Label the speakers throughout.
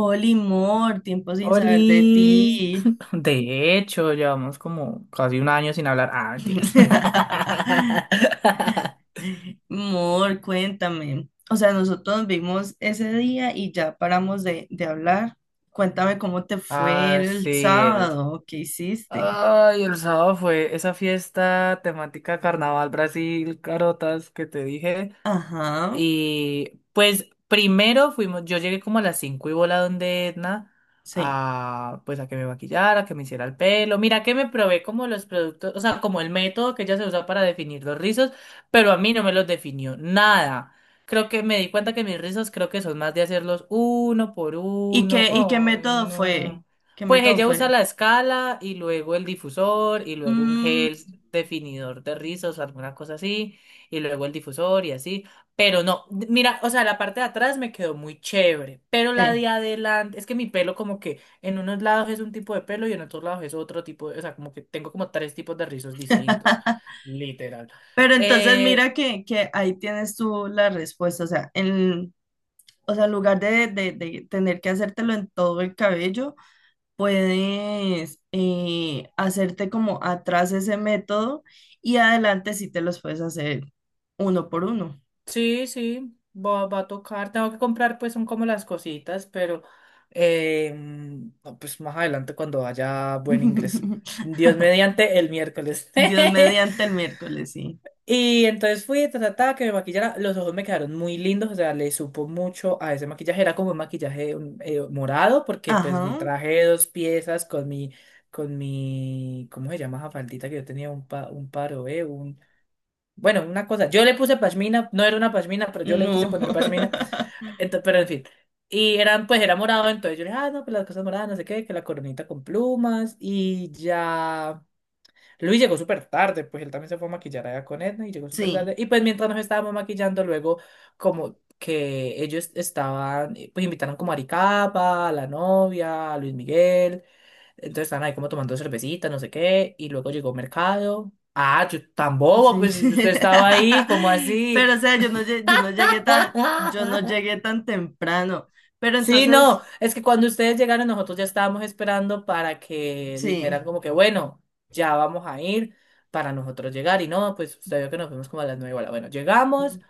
Speaker 1: Oli, Mor, tiempo sin
Speaker 2: Oli,
Speaker 1: saber de ti.
Speaker 2: de hecho, llevamos como casi un año sin hablar. Ah, mentiras.
Speaker 1: Mor, cuéntame. O sea, nosotros nos vimos ese día y ya paramos de hablar. Cuéntame cómo te fue
Speaker 2: Ah,
Speaker 1: el
Speaker 2: sí, el.
Speaker 1: sábado, qué hiciste.
Speaker 2: Ay, el sábado fue esa fiesta temática Carnaval Brasil, carotas, que te dije.
Speaker 1: Ajá,
Speaker 2: Y pues primero fuimos, yo llegué como a las 5 y bola donde Edna
Speaker 1: sí.
Speaker 2: a que me maquillara, a que me hiciera el pelo. Mira que me probé como los productos, o sea, como el método que ella se usa para definir los rizos, pero a mí no me los definió nada. Creo que me di cuenta que mis rizos creo que son más de hacerlos uno por uno.
Speaker 1: Y qué
Speaker 2: Ay,
Speaker 1: método fue?
Speaker 2: no.
Speaker 1: ¿Qué
Speaker 2: Pues
Speaker 1: método
Speaker 2: ella usa
Speaker 1: fue?
Speaker 2: la escala y luego el difusor y luego un
Speaker 1: Mm,
Speaker 2: gel definidor de rizos, alguna cosa así, y luego el difusor y así. Pero no, mira, o sea, la parte de atrás me quedó muy chévere, pero la
Speaker 1: sí.
Speaker 2: de adelante, es que mi pelo como que en unos lados es un tipo de pelo y en otros lados es otro tipo de, o sea, como que tengo como tres tipos de rizos distintos, literal.
Speaker 1: Pero entonces
Speaker 2: Eh,
Speaker 1: mira que ahí tienes tú la respuesta, o sea, en lugar de tener que hacértelo en todo el cabello, puedes hacerte como atrás ese método y adelante sí te los puedes hacer uno por uno.
Speaker 2: sí, sí, va a tocar, tengo que comprar pues son como las cositas, pero no, pues más adelante cuando haya buen ingreso. Dios mediante el miércoles.
Speaker 1: Dios mediante el miércoles, sí.
Speaker 2: Y entonces fui, ta, ta, ta, que me maquillara. Los ojos me quedaron muy lindos, o sea, le supo mucho a ese maquillaje. Era como un maquillaje morado, porque pues mi
Speaker 1: Ajá,
Speaker 2: traje de dos piezas con mi, ¿cómo se llama esa faldita que yo tenía? Un paro, ¿eh? Bueno, una cosa. Yo le puse pashmina, no era una pashmina, pero yo le quise
Speaker 1: no.
Speaker 2: poner pashmina. Entonces, pero en fin. Y eran, pues era morado, entonces yo le dije, ah, no, pues las cosas moradas, no sé qué, que la coronita con plumas y ya. Luis llegó súper tarde, pues él también se fue a maquillar allá con Edna y llegó súper
Speaker 1: Sí,
Speaker 2: tarde. Y pues mientras nos estábamos maquillando, luego como que ellos estaban, pues invitaron como a Aricapa, a la novia, a Luis Miguel. Entonces estaban ahí como tomando cervecita, no sé qué. Y luego llegó Mercado. Ah, yo tan bobo,
Speaker 1: sí.
Speaker 2: pues usted estaba ahí, como así.
Speaker 1: Pero o sea, yo no llegué tan, yo no llegué tan temprano, pero
Speaker 2: Sí, no,
Speaker 1: entonces,
Speaker 2: es que cuando ustedes llegaron nosotros ya estábamos esperando para que
Speaker 1: sí.
Speaker 2: dijeran como que bueno, ya vamos a ir para nosotros llegar y no, pues usted vio que nos fuimos como a las 9, hola, bueno, llegamos,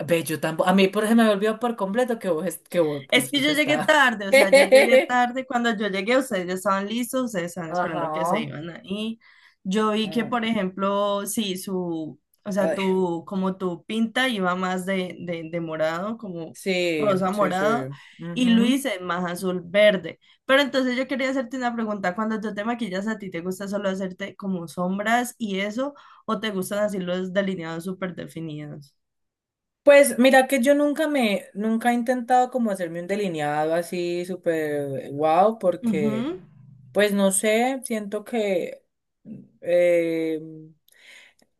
Speaker 2: ve, yo tampoco, a mí por ejemplo me olvidó por completo que vos, es- que vos, que
Speaker 1: Es que
Speaker 2: usted
Speaker 1: yo llegué
Speaker 2: está.
Speaker 1: tarde, o sea, yo llegué tarde. Cuando yo llegué, ustedes ya estaban listos, ustedes estaban
Speaker 2: Ajá.
Speaker 1: esperando que se iban ahí. Yo vi que,
Speaker 2: Mm,
Speaker 1: por ejemplo, sí, o sea,
Speaker 2: ay,
Speaker 1: tu, como tu pinta iba más de morado, como
Speaker 2: sí,
Speaker 1: rosa
Speaker 2: sí, sí.
Speaker 1: morado, y Luis
Speaker 2: Ujú.
Speaker 1: es más azul verde. Pero entonces yo quería hacerte una pregunta. Cuando tú te maquillas, ¿a ti te gusta solo hacerte como sombras y eso, o te gustan así los delineados súper definidos?
Speaker 2: Pues mira que yo nunca he intentado como hacerme un delineado así súper wow, porque
Speaker 1: Ujú,
Speaker 2: pues no sé, siento que eh,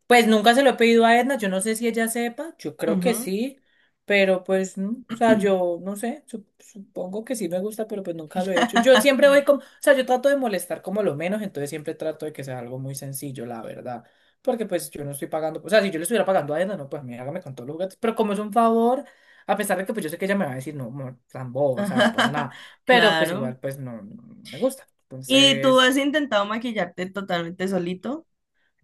Speaker 2: pues nunca se lo he pedido a Edna, yo no sé si ella sepa, yo creo que
Speaker 1: ujú.
Speaker 2: sí, pero pues, no, o sea, yo no sé, supongo que sí me gusta, pero pues nunca lo he hecho. Yo siempre voy como, o sea, yo trato de molestar como lo menos, entonces siempre trato de que sea algo muy sencillo, la verdad, porque pues yo no estoy pagando, o sea, si yo le estuviera pagando a Edna, no, pues mí hágame con todos los gatos pero como es un favor, a pesar de que pues yo sé que ella me va a decir, no, amor, tan bobo, o sea, no pasa nada, pero pues
Speaker 1: Claro.
Speaker 2: igual, pues no, no me gusta,
Speaker 1: ¿Y tú has
Speaker 2: entonces...
Speaker 1: intentado maquillarte totalmente solito?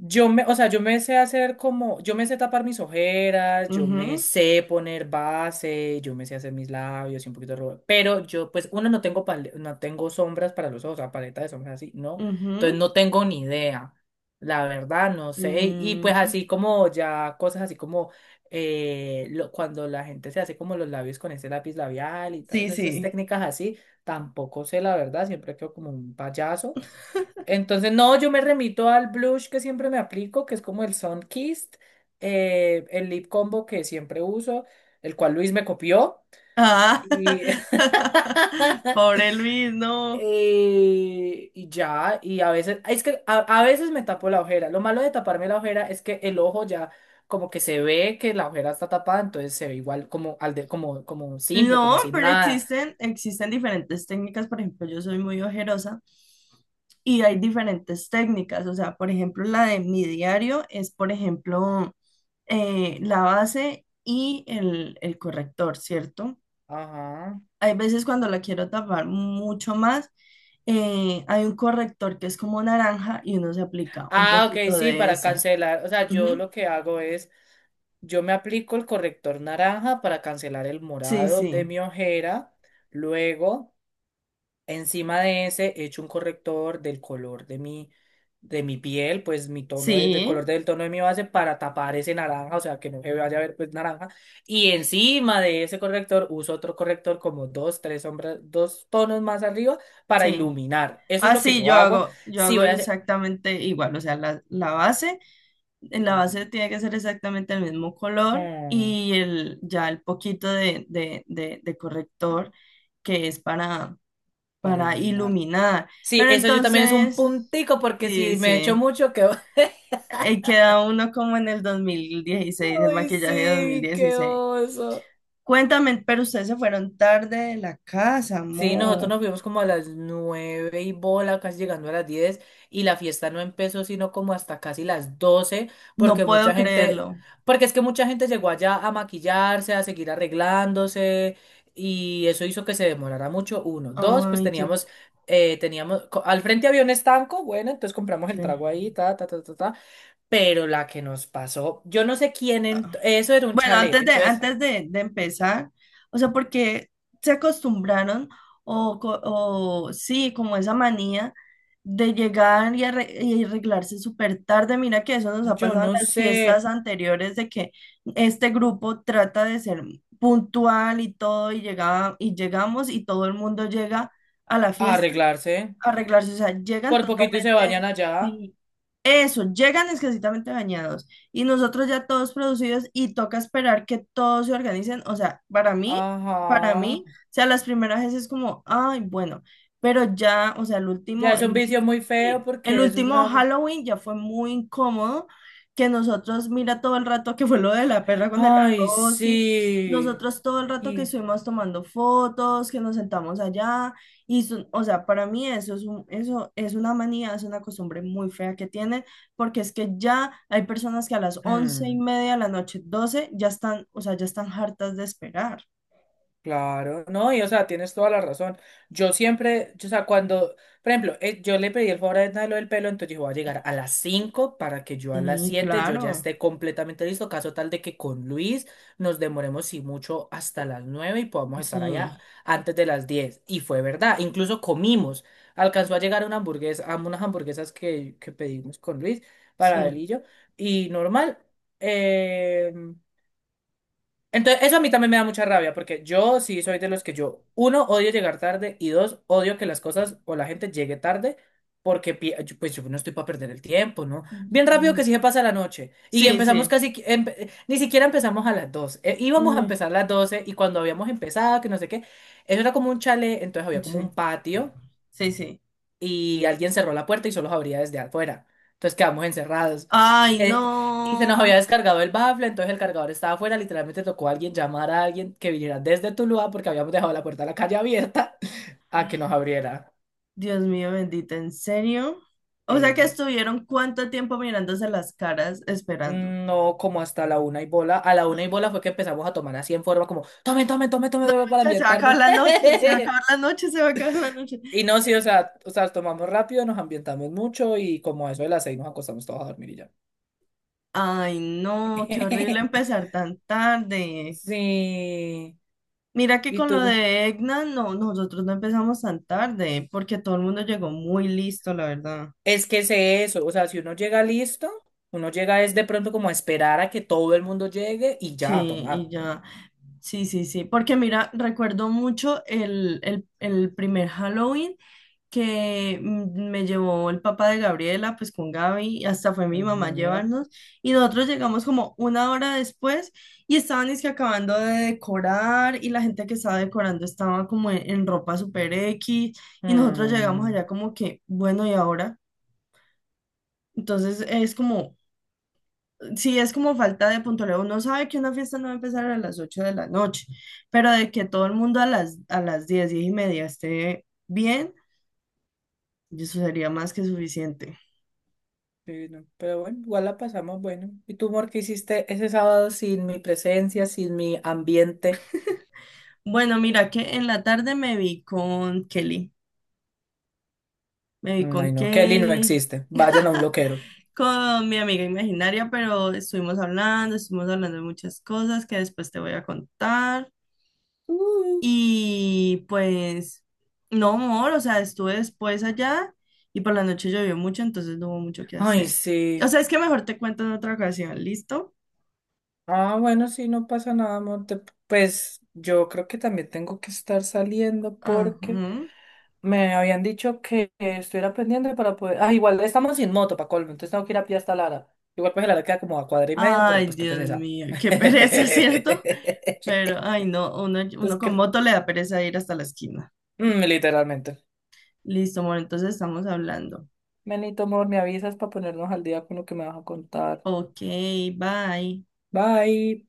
Speaker 2: O sea, yo me sé hacer como, yo me sé tapar mis ojeras, yo me
Speaker 1: Ujú,
Speaker 2: sé poner base, yo me sé hacer mis labios y un poquito de rubor, pero yo, pues, uno, no tengo sombras para los ojos, o sea, paleta de sombras así, ¿no? Entonces
Speaker 1: ujú.
Speaker 2: no tengo ni idea, la verdad, no sé, y,
Speaker 1: Mm,
Speaker 2: pues así como ya cosas así como cuando la gente se hace como los labios con ese lápiz labial y
Speaker 1: sí,
Speaker 2: todas esas
Speaker 1: sí.
Speaker 2: técnicas así, tampoco sé la verdad, siempre quedo como un payaso. Entonces, no, yo me remito al blush que siempre me aplico, que es como el Sun Kissed, el lip combo que siempre uso, el cual Luis me copió.
Speaker 1: Ah,
Speaker 2: Y,
Speaker 1: pobre Luis, no.
Speaker 2: Y ya, y a veces, es que a veces me tapo la ojera. Lo malo de taparme la ojera es que el ojo ya como que se ve que la ojera está tapada, entonces se ve igual como, al de, como simple,
Speaker 1: No,
Speaker 2: como sin
Speaker 1: pero
Speaker 2: nada.
Speaker 1: existen, existen diferentes técnicas. Por ejemplo, yo soy muy ojerosa y hay diferentes técnicas. O sea, por ejemplo, la de mi diario es, por ejemplo, la base y el corrector, ¿cierto?
Speaker 2: Ajá.
Speaker 1: Hay veces cuando la quiero tapar mucho más, hay un corrector que es como naranja y uno se aplica un
Speaker 2: Ah, ok,
Speaker 1: poquito
Speaker 2: sí,
Speaker 1: de
Speaker 2: para
Speaker 1: ese.
Speaker 2: cancelar. O sea, yo
Speaker 1: Ujú.
Speaker 2: lo que hago es... Yo me aplico el corrector naranja para cancelar el
Speaker 1: Sí,
Speaker 2: morado de
Speaker 1: sí,
Speaker 2: mi ojera. Luego, encima de ese, echo un corrector del color de mi piel, pues mi tono del
Speaker 1: sí,
Speaker 2: color del tono de mi base para tapar ese naranja, o sea, que no se vaya a ver pues naranja. Y encima de ese corrector uso otro corrector como dos, tres sombras, dos tonos más arriba para
Speaker 1: sí.
Speaker 2: iluminar. Eso es
Speaker 1: Ah,
Speaker 2: lo que
Speaker 1: sí,
Speaker 2: yo hago.
Speaker 1: yo
Speaker 2: Sí,
Speaker 1: hago
Speaker 2: voy a hacer...
Speaker 1: exactamente igual, o sea, la base, en la
Speaker 2: Ujú.
Speaker 1: base tiene que ser exactamente el mismo color
Speaker 2: Mm,
Speaker 1: y el, ya el poquito de corrector que es
Speaker 2: para
Speaker 1: para
Speaker 2: iluminar.
Speaker 1: iluminar.
Speaker 2: Sí,
Speaker 1: Pero
Speaker 2: eso yo también es un
Speaker 1: entonces,
Speaker 2: puntico porque
Speaker 1: sí,
Speaker 2: si me echo
Speaker 1: sí.
Speaker 2: mucho, quedo.
Speaker 1: Ahí queda uno como en el dos mil dieciséis el
Speaker 2: Ay,
Speaker 1: maquillaje de dos mil
Speaker 2: sí, qué
Speaker 1: dieciséis
Speaker 2: oso.
Speaker 1: Cuéntame, pero ustedes se fueron tarde de la casa,
Speaker 2: Sí, nosotros
Speaker 1: amor.
Speaker 2: nos fuimos como a las 9 y bola, casi llegando a las 10, y la fiesta no empezó sino como hasta casi las 12,
Speaker 1: No
Speaker 2: porque mucha
Speaker 1: puedo
Speaker 2: gente,
Speaker 1: creerlo.
Speaker 2: porque es que mucha gente llegó allá a maquillarse, a seguir arreglándose, y eso hizo que se demorara mucho, uno. Dos, pues
Speaker 1: Ay, qué...
Speaker 2: teníamos, al frente había un estanco, bueno, entonces compramos el
Speaker 1: sí.
Speaker 2: trago ahí, ta, ta, ta, ta, ta. Pero la que nos pasó, yo no sé quién,
Speaker 1: Ah.
Speaker 2: eso era un
Speaker 1: Bueno,
Speaker 2: chalet,
Speaker 1: antes de,
Speaker 2: entonces
Speaker 1: antes de empezar, o sea, porque se acostumbraron o, co- o sí, como esa manía de llegar y, arre- y arreglarse súper tarde. Mira que eso nos ha
Speaker 2: yo
Speaker 1: pasado en
Speaker 2: no
Speaker 1: las fiestas
Speaker 2: sé
Speaker 1: anteriores de que este grupo trata de ser puntual y todo y llegaba, y llegamos y todo el mundo llega a la fiesta
Speaker 2: arreglarse.
Speaker 1: arreglarse, o sea, llegan
Speaker 2: Por poquito y se bañan
Speaker 1: totalmente,
Speaker 2: allá.
Speaker 1: sí, eso, llegan exquisitamente bañados y nosotros ya todos producidos y toca esperar que todos se organicen, o sea, para
Speaker 2: Ajá.
Speaker 1: mí, o sea, las primeras veces es como, ay, bueno, pero ya, o sea,
Speaker 2: Ya es
Speaker 1: el
Speaker 2: un
Speaker 1: último,
Speaker 2: vicio muy feo
Speaker 1: sí, el
Speaker 2: porque eso es
Speaker 1: último
Speaker 2: una...
Speaker 1: Halloween ya fue muy incómodo, que nosotros, mira todo el rato que fue lo de la perra con el
Speaker 2: Ay,
Speaker 1: arroz, sí.
Speaker 2: sí.
Speaker 1: Nosotros todo el rato que
Speaker 2: Y...
Speaker 1: estuvimos tomando fotos, que nos sentamos allá, o sea, para mí eso es un, eso es una manía, es una costumbre muy fea que tienen, porque es que ya hay personas que a las once
Speaker 2: hmm.
Speaker 1: y media de la noche, 12, ya están, o sea, ya están hartas de esperar.
Speaker 2: Claro, no, y o sea, tienes toda la razón. Yo siempre, yo, o sea, cuando, por ejemplo, yo le pedí el favor a Edna de lo del pelo, entonces dijo voy a llegar a las 5 para que yo a las
Speaker 1: Sí,
Speaker 2: 7 yo ya
Speaker 1: claro,
Speaker 2: esté completamente listo, caso tal de que con Luis nos demoremos si mucho hasta las 9 y podamos
Speaker 1: sí,
Speaker 2: estar allá antes de las 10. Y fue verdad, incluso comimos. Alcanzó a llegar una hamburguesa, a unas hamburguesas que pedimos con Luis para él
Speaker 1: sí.
Speaker 2: y yo, y normal. em, entonces, eso a mí también me da mucha rabia, porque yo sí soy de los que yo, uno, odio llegar tarde y dos, odio que las cosas o la gente llegue tarde porque pi- yo- pues yo no estoy para perder el tiempo, ¿no? Bien rápido
Speaker 1: Mm,
Speaker 2: que sí se pasa la noche y
Speaker 1: sí,
Speaker 2: empezamos
Speaker 1: sí,
Speaker 2: casi, ni siquiera empezamos a las 2 íbamos a
Speaker 1: uy,
Speaker 2: empezar a las 12 y cuando habíamos empezado, que no sé qué, eso era como un chalet, entonces había como
Speaker 1: sí,
Speaker 2: un patio
Speaker 1: sí, sí.
Speaker 2: y alguien cerró la puerta y solo se abría desde afuera. Entonces quedamos encerrados.
Speaker 1: Ay,
Speaker 2: Y, eh, y se nos había
Speaker 1: no,
Speaker 2: descargado el bafle, entonces el cargador estaba afuera. Literalmente tocó a alguien llamar a alguien que viniera desde Tuluá porque habíamos dejado la puerta de la calle abierta a que nos abriera.
Speaker 1: Dios mío bendito, ¿en serio? O sea que
Speaker 2: Sí.
Speaker 1: estuvieron cuánto tiempo mirándose las caras esperando.
Speaker 2: No, como hasta la 1 y bola. A la 1 y bola fue que empezamos a tomar así en forma como, tomen, tomen, tomen, tomen tomen", para
Speaker 1: Noche, se va a acabar
Speaker 2: ambientarnos.
Speaker 1: la noche, se va a acabar la noche, se va a acabar la noche.
Speaker 2: Y no, sí, o sea, tomamos rápido, nos ambientamos mucho y como a eso de las 6 nos acostamos todos a dormir y ya.
Speaker 1: Ay, no, qué horrible empezar tan tarde.
Speaker 2: Sí.
Speaker 1: Mira que
Speaker 2: ¿Y
Speaker 1: con lo
Speaker 2: tú?
Speaker 1: de Egna, no, nosotros no empezamos tan tarde, porque todo el mundo llegó muy listo, la verdad.
Speaker 2: Es que sé eso, o sea, si uno llega listo, uno llega es de pronto como a esperar a que todo el mundo llegue y ya a
Speaker 1: Sí, y
Speaker 2: tomar.
Speaker 1: ya. Sí, sí, sí. Porque mira, recuerdo mucho el primer Halloween. Que mm, me llevó el papá de Gabriela, pues con Gaby, y hasta fue mi mamá a
Speaker 2: Ujú.
Speaker 1: llevarnos, y nosotros llegamos como una hora después y estaban es que acabando de decorar y la gente que estaba decorando estaba como en ropa super X y nosotros llegamos
Speaker 2: Mm,
Speaker 1: allá como que, bueno, ¿y ahora? Entonces es como... Sí, es como falta de puntualidad. Uno sabe que una fiesta no va a empezar a las 8 de la noche, pero de que todo el mundo a las 10, 10:30 esté bien, eso sería más que suficiente.
Speaker 2: sí, no, pero bueno, igual la pasamos bueno. ¿Y tú, amor, qué hiciste ese sábado sin mi presencia, sin mi ambiente?
Speaker 1: Bueno, mira que en la tarde me vi con Kelly, me vi
Speaker 2: Mm, ay,
Speaker 1: con
Speaker 2: no, Kelly no
Speaker 1: Kelly,
Speaker 2: existe. Vayan a un loquero.
Speaker 1: con mi amiga imaginaria, pero estuvimos hablando de muchas cosas que después te voy a contar.
Speaker 2: Uh.
Speaker 1: Y pues, no, amor, o sea, estuve después allá y por la noche llovió mucho, entonces no hubo mucho que
Speaker 2: Ay,
Speaker 1: hacer. O
Speaker 2: sí.
Speaker 1: sea, es que mejor te cuento en otra ocasión, ¿listo?
Speaker 2: Ah, bueno, sí, no pasa nada, amor. Te- Pues yo creo que también tengo que estar saliendo
Speaker 1: Ajá.
Speaker 2: porque me habían dicho que estuviera pendiente para poder. Ah, igual estamos sin moto para colmo, entonces tengo que ir a pie hasta Lara. Igual pues Lara queda como a cuadra y media, pero
Speaker 1: Ay,
Speaker 2: pues qué
Speaker 1: Dios
Speaker 2: pereza.
Speaker 1: mío, qué pereza, ¿cierto? Pero,
Speaker 2: Entonces,
Speaker 1: ay, no, uno, uno con
Speaker 2: cre-
Speaker 1: moto le da pereza ir hasta la esquina.
Speaker 2: Mm, literalmente.
Speaker 1: Listo, amor, entonces estamos hablando.
Speaker 2: Benito, amor, me avisas para ponernos al día con lo que me vas a contar.
Speaker 1: Ok, bye.
Speaker 2: Bye.